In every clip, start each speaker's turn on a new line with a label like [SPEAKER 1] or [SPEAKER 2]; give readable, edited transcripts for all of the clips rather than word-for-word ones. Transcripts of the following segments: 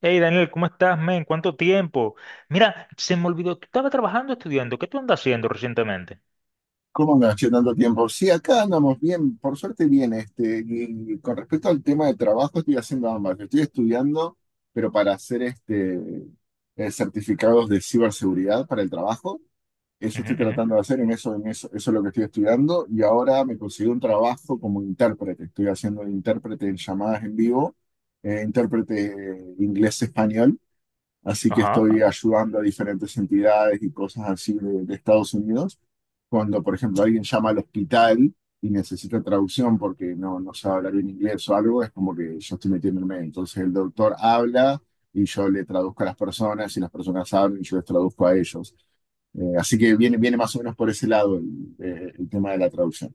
[SPEAKER 1] Hey Daniel, ¿cómo estás, men? ¿Cuánto tiempo? Mira, se me olvidó, tú estabas trabajando, estudiando. ¿Qué tú andas haciendo recientemente?
[SPEAKER 2] ¿Cómo andas, che, tanto tiempo? Sí, acá andamos bien, por suerte bien. Y con respecto al tema de trabajo, estoy haciendo ambas. Estoy estudiando, pero para hacer certificados de ciberseguridad para el trabajo. Eso
[SPEAKER 1] Ujú,
[SPEAKER 2] estoy
[SPEAKER 1] ujú.
[SPEAKER 2] tratando de hacer, eso es lo que estoy estudiando. Y ahora me conseguí un trabajo como intérprete. Estoy haciendo de intérprete en llamadas en vivo, intérprete inglés-español. Así que
[SPEAKER 1] Ajá.
[SPEAKER 2] estoy ayudando a diferentes entidades y cosas así de Estados Unidos. Cuando, por ejemplo, alguien llama al hospital y necesita traducción porque no sabe hablar bien inglés o algo, es como que yo estoy metiéndome. Entonces el doctor habla y yo le traduzco a las personas y las personas hablan y yo les traduzco a ellos. Así que viene más o menos por ese lado el tema de la traducción.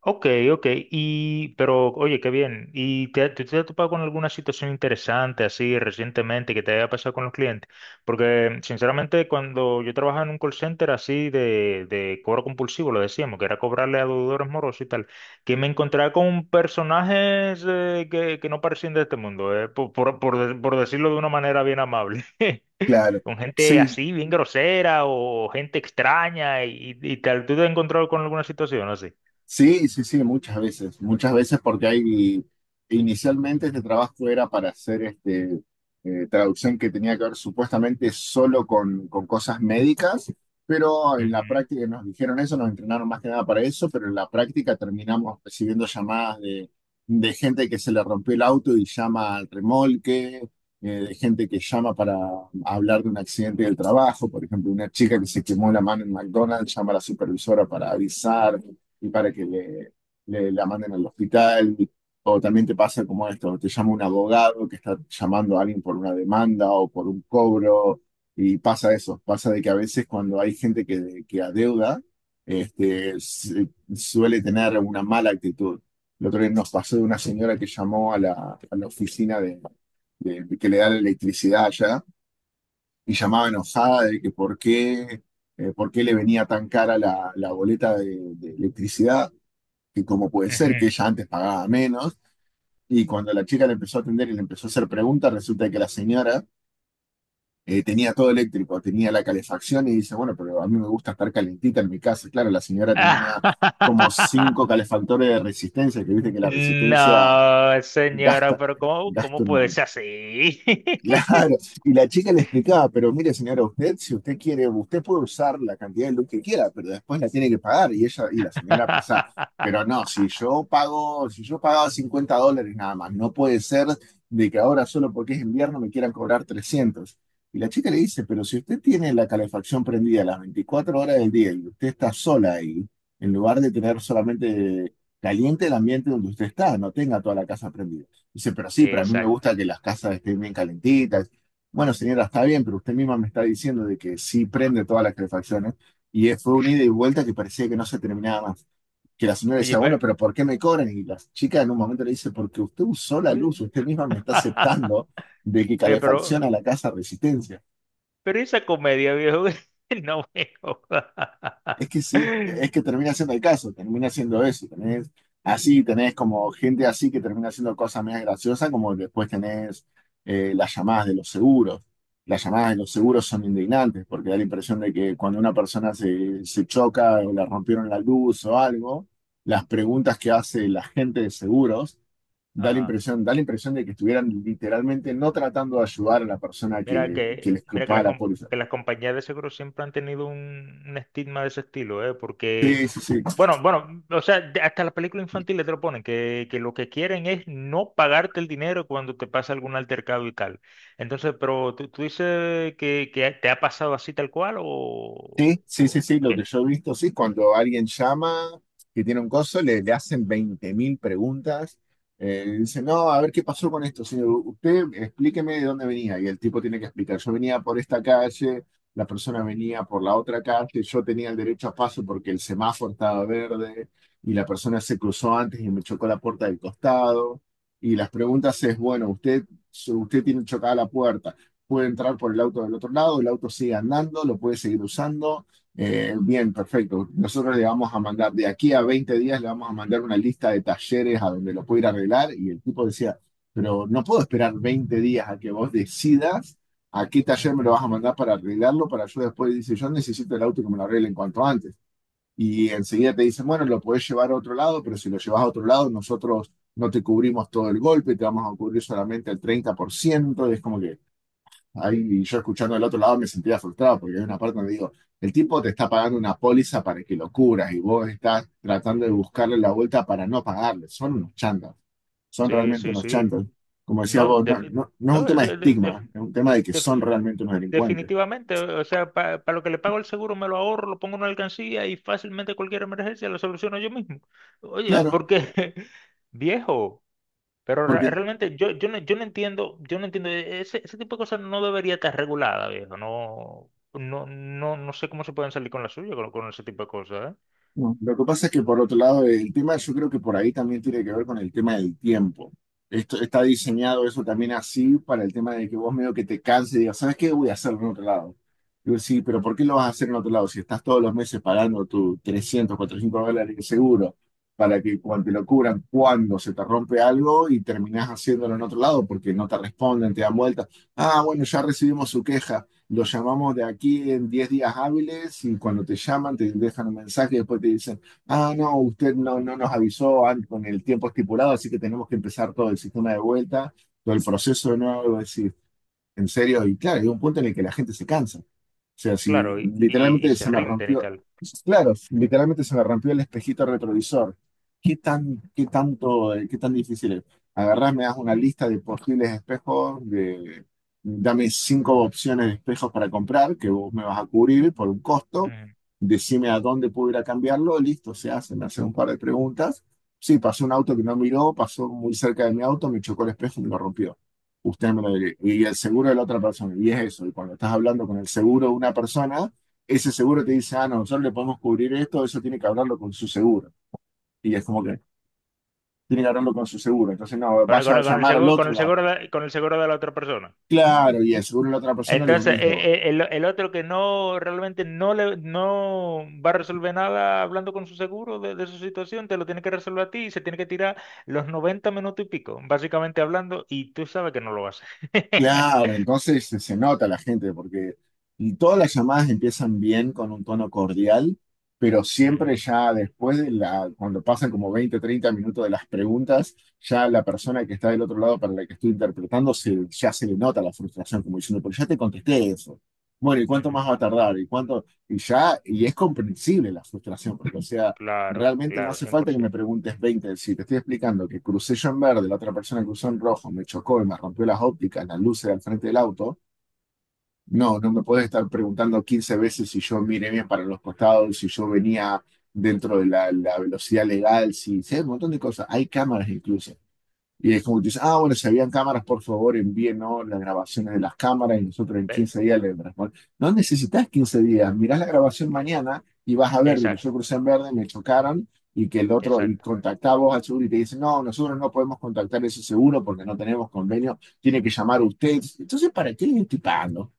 [SPEAKER 1] Ok, ok, y pero oye, qué bien. ¿Y te has topado con alguna situación interesante así recientemente que te haya pasado con los clientes? Porque sinceramente cuando yo trabajaba en un call center así de cobro compulsivo, lo decíamos, que era cobrarle a deudores morosos y tal, que me encontraba con personajes que no parecían de este mundo, por decirlo de una manera bien amable.
[SPEAKER 2] Claro,
[SPEAKER 1] Con gente
[SPEAKER 2] sí,
[SPEAKER 1] así, bien grosera o gente extraña y tal. ¿Tú te has encontrado con alguna situación así?
[SPEAKER 2] sí, sí, sí, muchas veces porque hay, inicialmente este trabajo era para hacer traducción que tenía que ver supuestamente solo con cosas médicas, pero en la
[SPEAKER 1] Ujú.
[SPEAKER 2] práctica nos dijeron eso, nos entrenaron más que nada para eso, pero en la práctica terminamos recibiendo llamadas de gente que se le rompió el auto y llama al remolque, de gente que llama para hablar de un accidente del trabajo, por ejemplo, una chica que se quemó la mano en McDonald's llama a la supervisora para avisar y para que la manden al hospital. O también te pasa como esto, te llama un abogado que está llamando a alguien por una demanda o por un cobro, y pasa eso, pasa de que a veces cuando hay gente que adeuda, este, se- suele tener una mala actitud. El otro día nos pasó de una señora que llamó a la oficina de que le da la electricidad allá, y llamaba enojada de que por qué le venía tan cara la boleta de electricidad, que cómo puede ser que
[SPEAKER 1] Ujú.
[SPEAKER 2] ella antes pagaba menos. Y cuando la chica le empezó a atender y le empezó a hacer preguntas, resulta que la señora tenía todo eléctrico, tenía la calefacción y dice, bueno, pero a mí me gusta estar calentita en mi casa. Claro, la señora
[SPEAKER 1] Ah.
[SPEAKER 2] tenía como cinco calefactores de resistencia, que viste que la resistencia
[SPEAKER 1] No, señora,
[SPEAKER 2] gasta,
[SPEAKER 1] pero
[SPEAKER 2] gasta
[SPEAKER 1] cómo
[SPEAKER 2] un
[SPEAKER 1] puede ser
[SPEAKER 2] montón.
[SPEAKER 1] así?
[SPEAKER 2] Claro, y la chica le explicaba, pero mire señora, usted si usted quiere, usted puede usar la cantidad de luz que quiera, pero después la tiene que pagar, y ella y la señora pesaba, pero no, si yo pago, si yo pagaba $50 nada más, no puede ser de que ahora solo porque es invierno me quieran cobrar 300. Y la chica le dice, pero si usted tiene la calefacción prendida las 24 horas del día y usted está sola ahí, en lugar de tener
[SPEAKER 1] Ujú.
[SPEAKER 2] solamente caliente el ambiente donde usted está, no tenga toda la casa prendida. Dice, pero sí, pero a mí me
[SPEAKER 1] Exacto.
[SPEAKER 2] gusta que las casas estén bien calentitas. Bueno, señora, está bien, pero usted misma me está diciendo de que sí prende todas las calefacciones. Fue un ida y vuelta que parecía que no se terminaba más. Que la señora
[SPEAKER 1] Oye,
[SPEAKER 2] decía, bueno,
[SPEAKER 1] pero,
[SPEAKER 2] pero ¿por qué me cobran? Y la chica en un momento le dice, porque usted usó la
[SPEAKER 1] uy.
[SPEAKER 2] luz, usted misma me está aceptando de que
[SPEAKER 1] Eh, pero,
[SPEAKER 2] calefacciona la casa a resistencia.
[SPEAKER 1] pero esa comedia, viejo, no me jodas.
[SPEAKER 2] Es que sí, es que termina siendo el caso, termina siendo eso. Tenés, así tenés como gente así que termina haciendo cosas más graciosas, como después tenés las llamadas de los seguros. Las llamadas de los seguros son indignantes porque da la impresión de que cuando una persona se choca o le rompieron la luz o algo, las preguntas que hace la gente de seguros
[SPEAKER 1] Ajá.
[SPEAKER 2] da la impresión de que estuvieran literalmente no tratando de ayudar a la persona que les
[SPEAKER 1] Mira que, la
[SPEAKER 2] escapaba la
[SPEAKER 1] com-
[SPEAKER 2] póliza.
[SPEAKER 1] que las compañías de seguros siempre han tenido un estigma de ese estilo, ¿eh? Porque
[SPEAKER 2] Sí, sí, sí,
[SPEAKER 1] bueno, o sea, hasta las películas infantiles te lo ponen, que lo que quieren es no pagarte el dinero cuando te pasa algún altercado y tal. Entonces, pero tú dices que te ha pasado así tal cual,
[SPEAKER 2] sí, sí,
[SPEAKER 1] o
[SPEAKER 2] sí, sí, lo que
[SPEAKER 1] qué?
[SPEAKER 2] yo he visto, sí, cuando alguien llama, que tiene un coso, le hacen 20.000 preguntas. Dice, no, a ver qué pasó con esto, señor. Usted explíqueme de dónde venía. Y el tipo tiene que explicar. Yo venía por esta calle, la persona venía por la otra calle, yo tenía el derecho a paso porque el semáforo estaba verde y la persona se cruzó antes y me chocó la puerta del costado. Y las preguntas es, bueno, usted tiene chocada la puerta, puede entrar por el auto del otro lado, el auto sigue andando, lo puede seguir usando. Bien, perfecto. Nosotros le vamos a mandar, de aquí a 20 días, le vamos a mandar una lista de talleres a donde lo puede ir a arreglar. Y el tipo decía, pero no puedo esperar 20 días a que vos decidas a qué taller me lo
[SPEAKER 1] Ujú.
[SPEAKER 2] vas a mandar para arreglarlo, para yo después dice, yo necesito el auto, que me lo arreglen cuanto antes. Y enseguida te dicen, bueno, lo podés llevar a otro lado, pero si lo llevas a otro lado, nosotros no te cubrimos todo el golpe, te vamos a cubrir solamente el 30%. Y es como que ahí yo escuchando del otro lado me sentía frustrado porque hay una parte donde digo, el tipo te está pagando una póliza para que lo curas y vos estás tratando de buscarle la vuelta para no pagarle. Son unos chantas, son
[SPEAKER 1] Sí,
[SPEAKER 2] realmente
[SPEAKER 1] sí,
[SPEAKER 2] unos
[SPEAKER 1] sí.
[SPEAKER 2] chantas. Como decías
[SPEAKER 1] No,
[SPEAKER 2] vos, no,
[SPEAKER 1] de-
[SPEAKER 2] no, no es
[SPEAKER 1] no,
[SPEAKER 2] un tema de estigma, es un tema de que son
[SPEAKER 1] de-
[SPEAKER 2] realmente unos delincuentes.
[SPEAKER 1] Definitivamente, o sea, para lo que le pago el seguro me lo ahorro, lo pongo en una alcancía y fácilmente cualquier emergencia la soluciono yo mismo. Oye,
[SPEAKER 2] Claro,
[SPEAKER 1] porque viejo, pero
[SPEAKER 2] porque
[SPEAKER 1] realmente yo no entiendo, e, ese tipo de cosas no debería estar regulada, viejo, no, no, no, no sé cómo se pueden salir con la suya con ese tipo de cosas, ¿eh?
[SPEAKER 2] no, lo que pasa es que por otro lado, el tema yo creo que por ahí también tiene que ver con el tema del tiempo. Esto está diseñado eso también así para el tema de que vos medio que te canses y digas, ¿sabes qué? Voy a hacerlo en otro lado. Digo, sí, pero ¿por qué lo vas a hacer en otro lado si estás todos los meses pagando tus $300, $400 de seguro para que cuando te lo cubran, cuando se te rompe algo y terminás haciéndolo en otro lado porque no te responden, te dan vueltas? Ah, bueno, ya recibimos su queja. Los llamamos de aquí en 10 días hábiles, y cuando te llaman te dejan un mensaje y después te dicen, ah, no, usted no nos avisó con el tiempo estipulado, así que tenemos que empezar todo el sistema de vuelta, todo el proceso de nuevo, decir, en serio, y claro, hay un punto en el que la gente se cansa. O sea, si
[SPEAKER 1] Claro, y
[SPEAKER 2] literalmente
[SPEAKER 1] se
[SPEAKER 2] se me
[SPEAKER 1] rinden y
[SPEAKER 2] rompió,
[SPEAKER 1] tal.
[SPEAKER 2] claro, literalmente se me rompió el espejito retrovisor. ¿Qué tan difícil es? Agarrás, me das una lista de posibles espejos, de, dame cinco opciones de espejos para comprar, que vos me vas a cubrir por un costo,
[SPEAKER 1] Ujú.
[SPEAKER 2] decime a dónde puedo ir a cambiarlo, listo, se hace, me hace un par de preguntas. Sí, pasó un auto que no miró, pasó muy cerca de mi auto, me chocó el espejo y me lo rompió, usted me lo y el seguro de la otra persona. Y es eso, y cuando estás hablando con el seguro de una persona, ese seguro te dice, ah, no, nosotros le podemos cubrir esto, eso tiene que hablarlo con su seguro. Y es como que tiene que hablarlo con su seguro. Entonces, no,
[SPEAKER 1] Con, el-
[SPEAKER 2] vaya
[SPEAKER 1] con,
[SPEAKER 2] a
[SPEAKER 1] el con el
[SPEAKER 2] llamar al
[SPEAKER 1] seguro, con
[SPEAKER 2] otro
[SPEAKER 1] el
[SPEAKER 2] lado.
[SPEAKER 1] seguro de, con el seguro de la otra persona.
[SPEAKER 2] Claro, y el seguro de la otra persona es lo
[SPEAKER 1] Entonces,
[SPEAKER 2] mismo.
[SPEAKER 1] el otro que no realmente no le no va a resolver nada hablando con su seguro de su situación, te lo tiene que resolver a ti y se tiene que tirar los 90 minutos y pico, básicamente hablando, y tú sabes que no lo hace.
[SPEAKER 2] Claro, entonces se nota la gente, porque y todas las llamadas empiezan bien con un tono cordial, pero
[SPEAKER 1] Ujú,
[SPEAKER 2] siempre ya después de la, cuando pasan como 20, 30 minutos de las preguntas, ya la persona que está del otro lado para la que estoy interpretando, se, ya se le nota la frustración, como diciendo, pero ya te contesté eso. Bueno, ¿y cuánto
[SPEAKER 1] ujú.
[SPEAKER 2] más va a tardar? ¿Y cuánto? Y ya, y es comprensible la frustración, porque o sea,
[SPEAKER 1] Claro,
[SPEAKER 2] realmente no
[SPEAKER 1] claro,
[SPEAKER 2] hace falta que me
[SPEAKER 1] 100%.
[SPEAKER 2] preguntes 20. Si te estoy explicando que crucé yo en verde, la otra persona cruzó en rojo, me chocó y me rompió las ópticas, las luces al frente del auto, no, no me puedes estar preguntando 15 veces si yo miré bien para los costados, si yo venía dentro de la velocidad legal, si, si hay un montón de cosas. Hay cámaras incluso. Y es como que dice, ah, bueno, si habían cámaras, por favor, envíenos las grabaciones de las cámaras y nosotros en
[SPEAKER 1] Eh,
[SPEAKER 2] 15 días le respondemos. No necesitas 15 días, mirás la grabación
[SPEAKER 1] eh,
[SPEAKER 2] mañana y vas a ver de que yo
[SPEAKER 1] Exacto,
[SPEAKER 2] crucé en verde, me chocaron y que el otro, y
[SPEAKER 1] exacto,
[SPEAKER 2] contactamos al seguro y te dicen, no, nosotros no podemos contactar ese seguro porque no tenemos convenio, tiene que llamar usted. Entonces, ¿para qué le estoy pagando?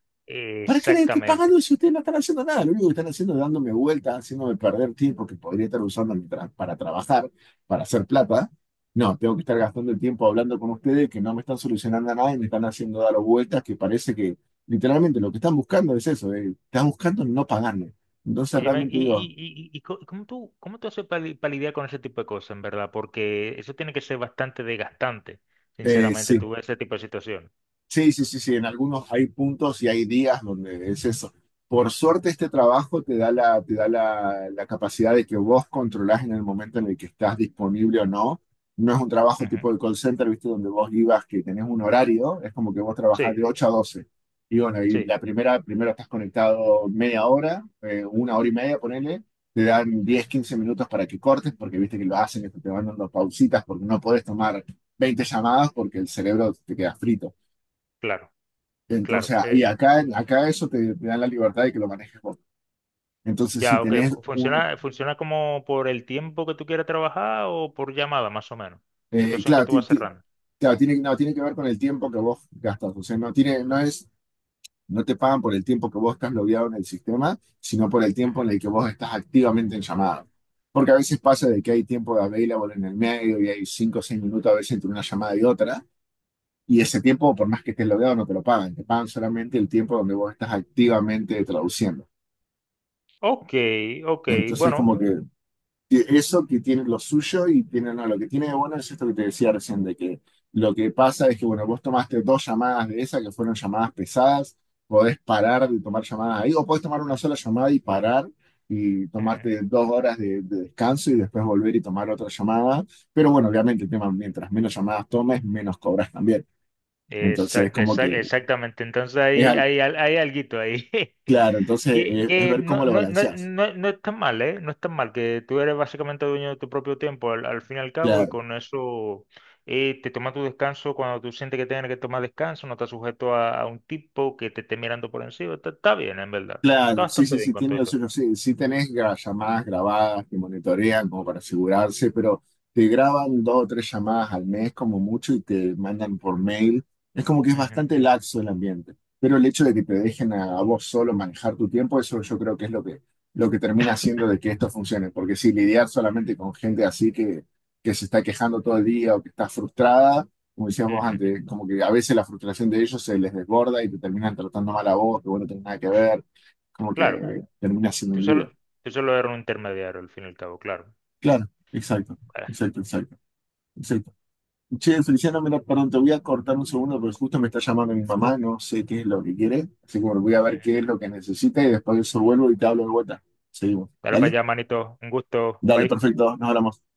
[SPEAKER 2] ¿Para qué le estoy
[SPEAKER 1] exactamente.
[SPEAKER 2] pagando si ustedes no están haciendo nada? Lo único que están haciendo es dándome vueltas, haciéndome perder tiempo que podría estar usando para trabajar, para hacer plata. No, tengo que estar gastando el tiempo hablando con ustedes que no me están solucionando nada y me están haciendo dar vueltas que parece que literalmente lo que están buscando es eso, están buscando no pagarme. Entonces
[SPEAKER 1] Oye, men,
[SPEAKER 2] realmente digo,
[SPEAKER 1] ¿cómo cómo tú haces para lidiar con ese tipo de cosas, en verdad? Porque eso tiene que ser bastante desgastante, sinceramente,
[SPEAKER 2] sí,
[SPEAKER 1] tú ves ese tipo de situaciones.
[SPEAKER 2] sí, sí, sí, sí, en algunos hay puntos y hay días donde es eso. Por suerte este trabajo la capacidad de que vos controlás en el momento en el que estás disponible o no. No es un trabajo tipo
[SPEAKER 1] Ujú.
[SPEAKER 2] de call center, ¿viste? Donde vos ibas que tenés un horario, es como que vos trabajás de
[SPEAKER 1] Sí,
[SPEAKER 2] 8 a 12. Y bueno, y
[SPEAKER 1] sí,
[SPEAKER 2] primero estás conectado media hora, una hora y media, ponele, te dan 10,
[SPEAKER 1] ujú.
[SPEAKER 2] 15 minutos para que cortes, porque viste que lo hacen, es que te van dando pausitas, porque no podés tomar 20 llamadas porque el cerebro te queda frito.
[SPEAKER 1] Claro, claro.
[SPEAKER 2] Entonces, acá eso te da la libertad de que lo manejes vos. Entonces, si
[SPEAKER 1] Ya, ok.
[SPEAKER 2] tenés uno,
[SPEAKER 1] Funciona, funciona como por el tiempo que tú quieras trabajar o por llamada, más o menos. Situación que
[SPEAKER 2] claro,
[SPEAKER 1] tú vas cerrando.
[SPEAKER 2] claro, tiene, no, tiene que ver con el tiempo que vos gastas. O sea, no tiene, no es, no te pagan por el tiempo que vos estás logueado en el sistema, sino por el
[SPEAKER 1] Ujú.
[SPEAKER 2] tiempo en el que vos estás activamente en llamada. Porque a veces pasa de que hay tiempo de available en el medio y hay 5 o 6 minutos a veces entre una llamada y otra. Y ese tiempo, por más que estés logueado, no te lo pagan. Te pagan solamente el tiempo donde vos estás activamente traduciendo.
[SPEAKER 1] Ok, ok.
[SPEAKER 2] Entonces,
[SPEAKER 1] Bueno.
[SPEAKER 2] como que eso que tiene lo suyo y tiene, no, lo que tiene de bueno es esto que te decía recién, de que lo que pasa es que, bueno, vos tomaste dos llamadas de esas que fueron llamadas pesadas, podés parar de tomar llamadas ahí, o podés tomar una sola llamada y parar y tomarte 2 horas de descanso y después volver y tomar otra llamada. Pero bueno, obviamente el tema, mientras menos llamadas tomes, menos cobras también. Entonces es como que,
[SPEAKER 1] Exactamente. Entonces
[SPEAKER 2] es al-
[SPEAKER 1] hay alguito ahí.
[SPEAKER 2] claro, entonces
[SPEAKER 1] Que,
[SPEAKER 2] es
[SPEAKER 1] que
[SPEAKER 2] ver
[SPEAKER 1] no,
[SPEAKER 2] cómo lo
[SPEAKER 1] no, no,
[SPEAKER 2] balanceás.
[SPEAKER 1] no, no está mal, ¿eh? No está mal, que tú eres básicamente dueño de tu propio tiempo al fin y al cabo, y
[SPEAKER 2] Claro,
[SPEAKER 1] con eso te tomas tu descanso cuando tú sientes que tienes que tomar descanso, no estás sujeto a un tipo que te esté mirando por encima. Está, está bien, en verdad. Está
[SPEAKER 2] claro, sí,
[SPEAKER 1] bastante
[SPEAKER 2] sí,
[SPEAKER 1] bien
[SPEAKER 2] sí.
[SPEAKER 1] con
[SPEAKER 2] Tienen
[SPEAKER 1] todo
[SPEAKER 2] los
[SPEAKER 1] esto.
[SPEAKER 2] suyo, sí, sí tenés llamadas grabadas que monitorean como para asegurarse, pero te graban dos o tres llamadas al mes como mucho y te mandan por mail. Es como que es
[SPEAKER 1] Ujú,
[SPEAKER 2] bastante laxo el ambiente, pero el hecho de que te dejen a vos solo manejar tu tiempo, eso yo creo que es lo que termina haciendo de que esto funcione, porque si lidiar solamente con gente así que se está quejando todo el día o que está frustrada, como
[SPEAKER 1] ujú,
[SPEAKER 2] decíamos
[SPEAKER 1] ujú,
[SPEAKER 2] antes,
[SPEAKER 1] ujú.
[SPEAKER 2] como que a veces la frustración de ellos se les desborda y te terminan tratando mal a vos, que vos no tenés nada que ver, como que
[SPEAKER 1] Claro,
[SPEAKER 2] termina siendo
[SPEAKER 1] tú
[SPEAKER 2] un lío.
[SPEAKER 1] solo, tú solo eres un intermediario al fin y al cabo, claro.
[SPEAKER 2] Claro, exacto,
[SPEAKER 1] Ah,
[SPEAKER 2] exacto, exacto, exacto. Che, Feliciano, mira, perdón, te voy a cortar un segundo porque justo me está llamando mi mamá, no sé qué es lo que quiere, así que bueno, voy a
[SPEAKER 1] ujú,
[SPEAKER 2] ver qué
[SPEAKER 1] ujú.
[SPEAKER 2] es lo que necesita y después de eso vuelvo y te hablo de vuelta. Seguimos,
[SPEAKER 1] Dale para
[SPEAKER 2] ¿dale?
[SPEAKER 1] allá, manito. Un gusto.
[SPEAKER 2] Dale,
[SPEAKER 1] Bye.
[SPEAKER 2] perfecto, nos hablamos.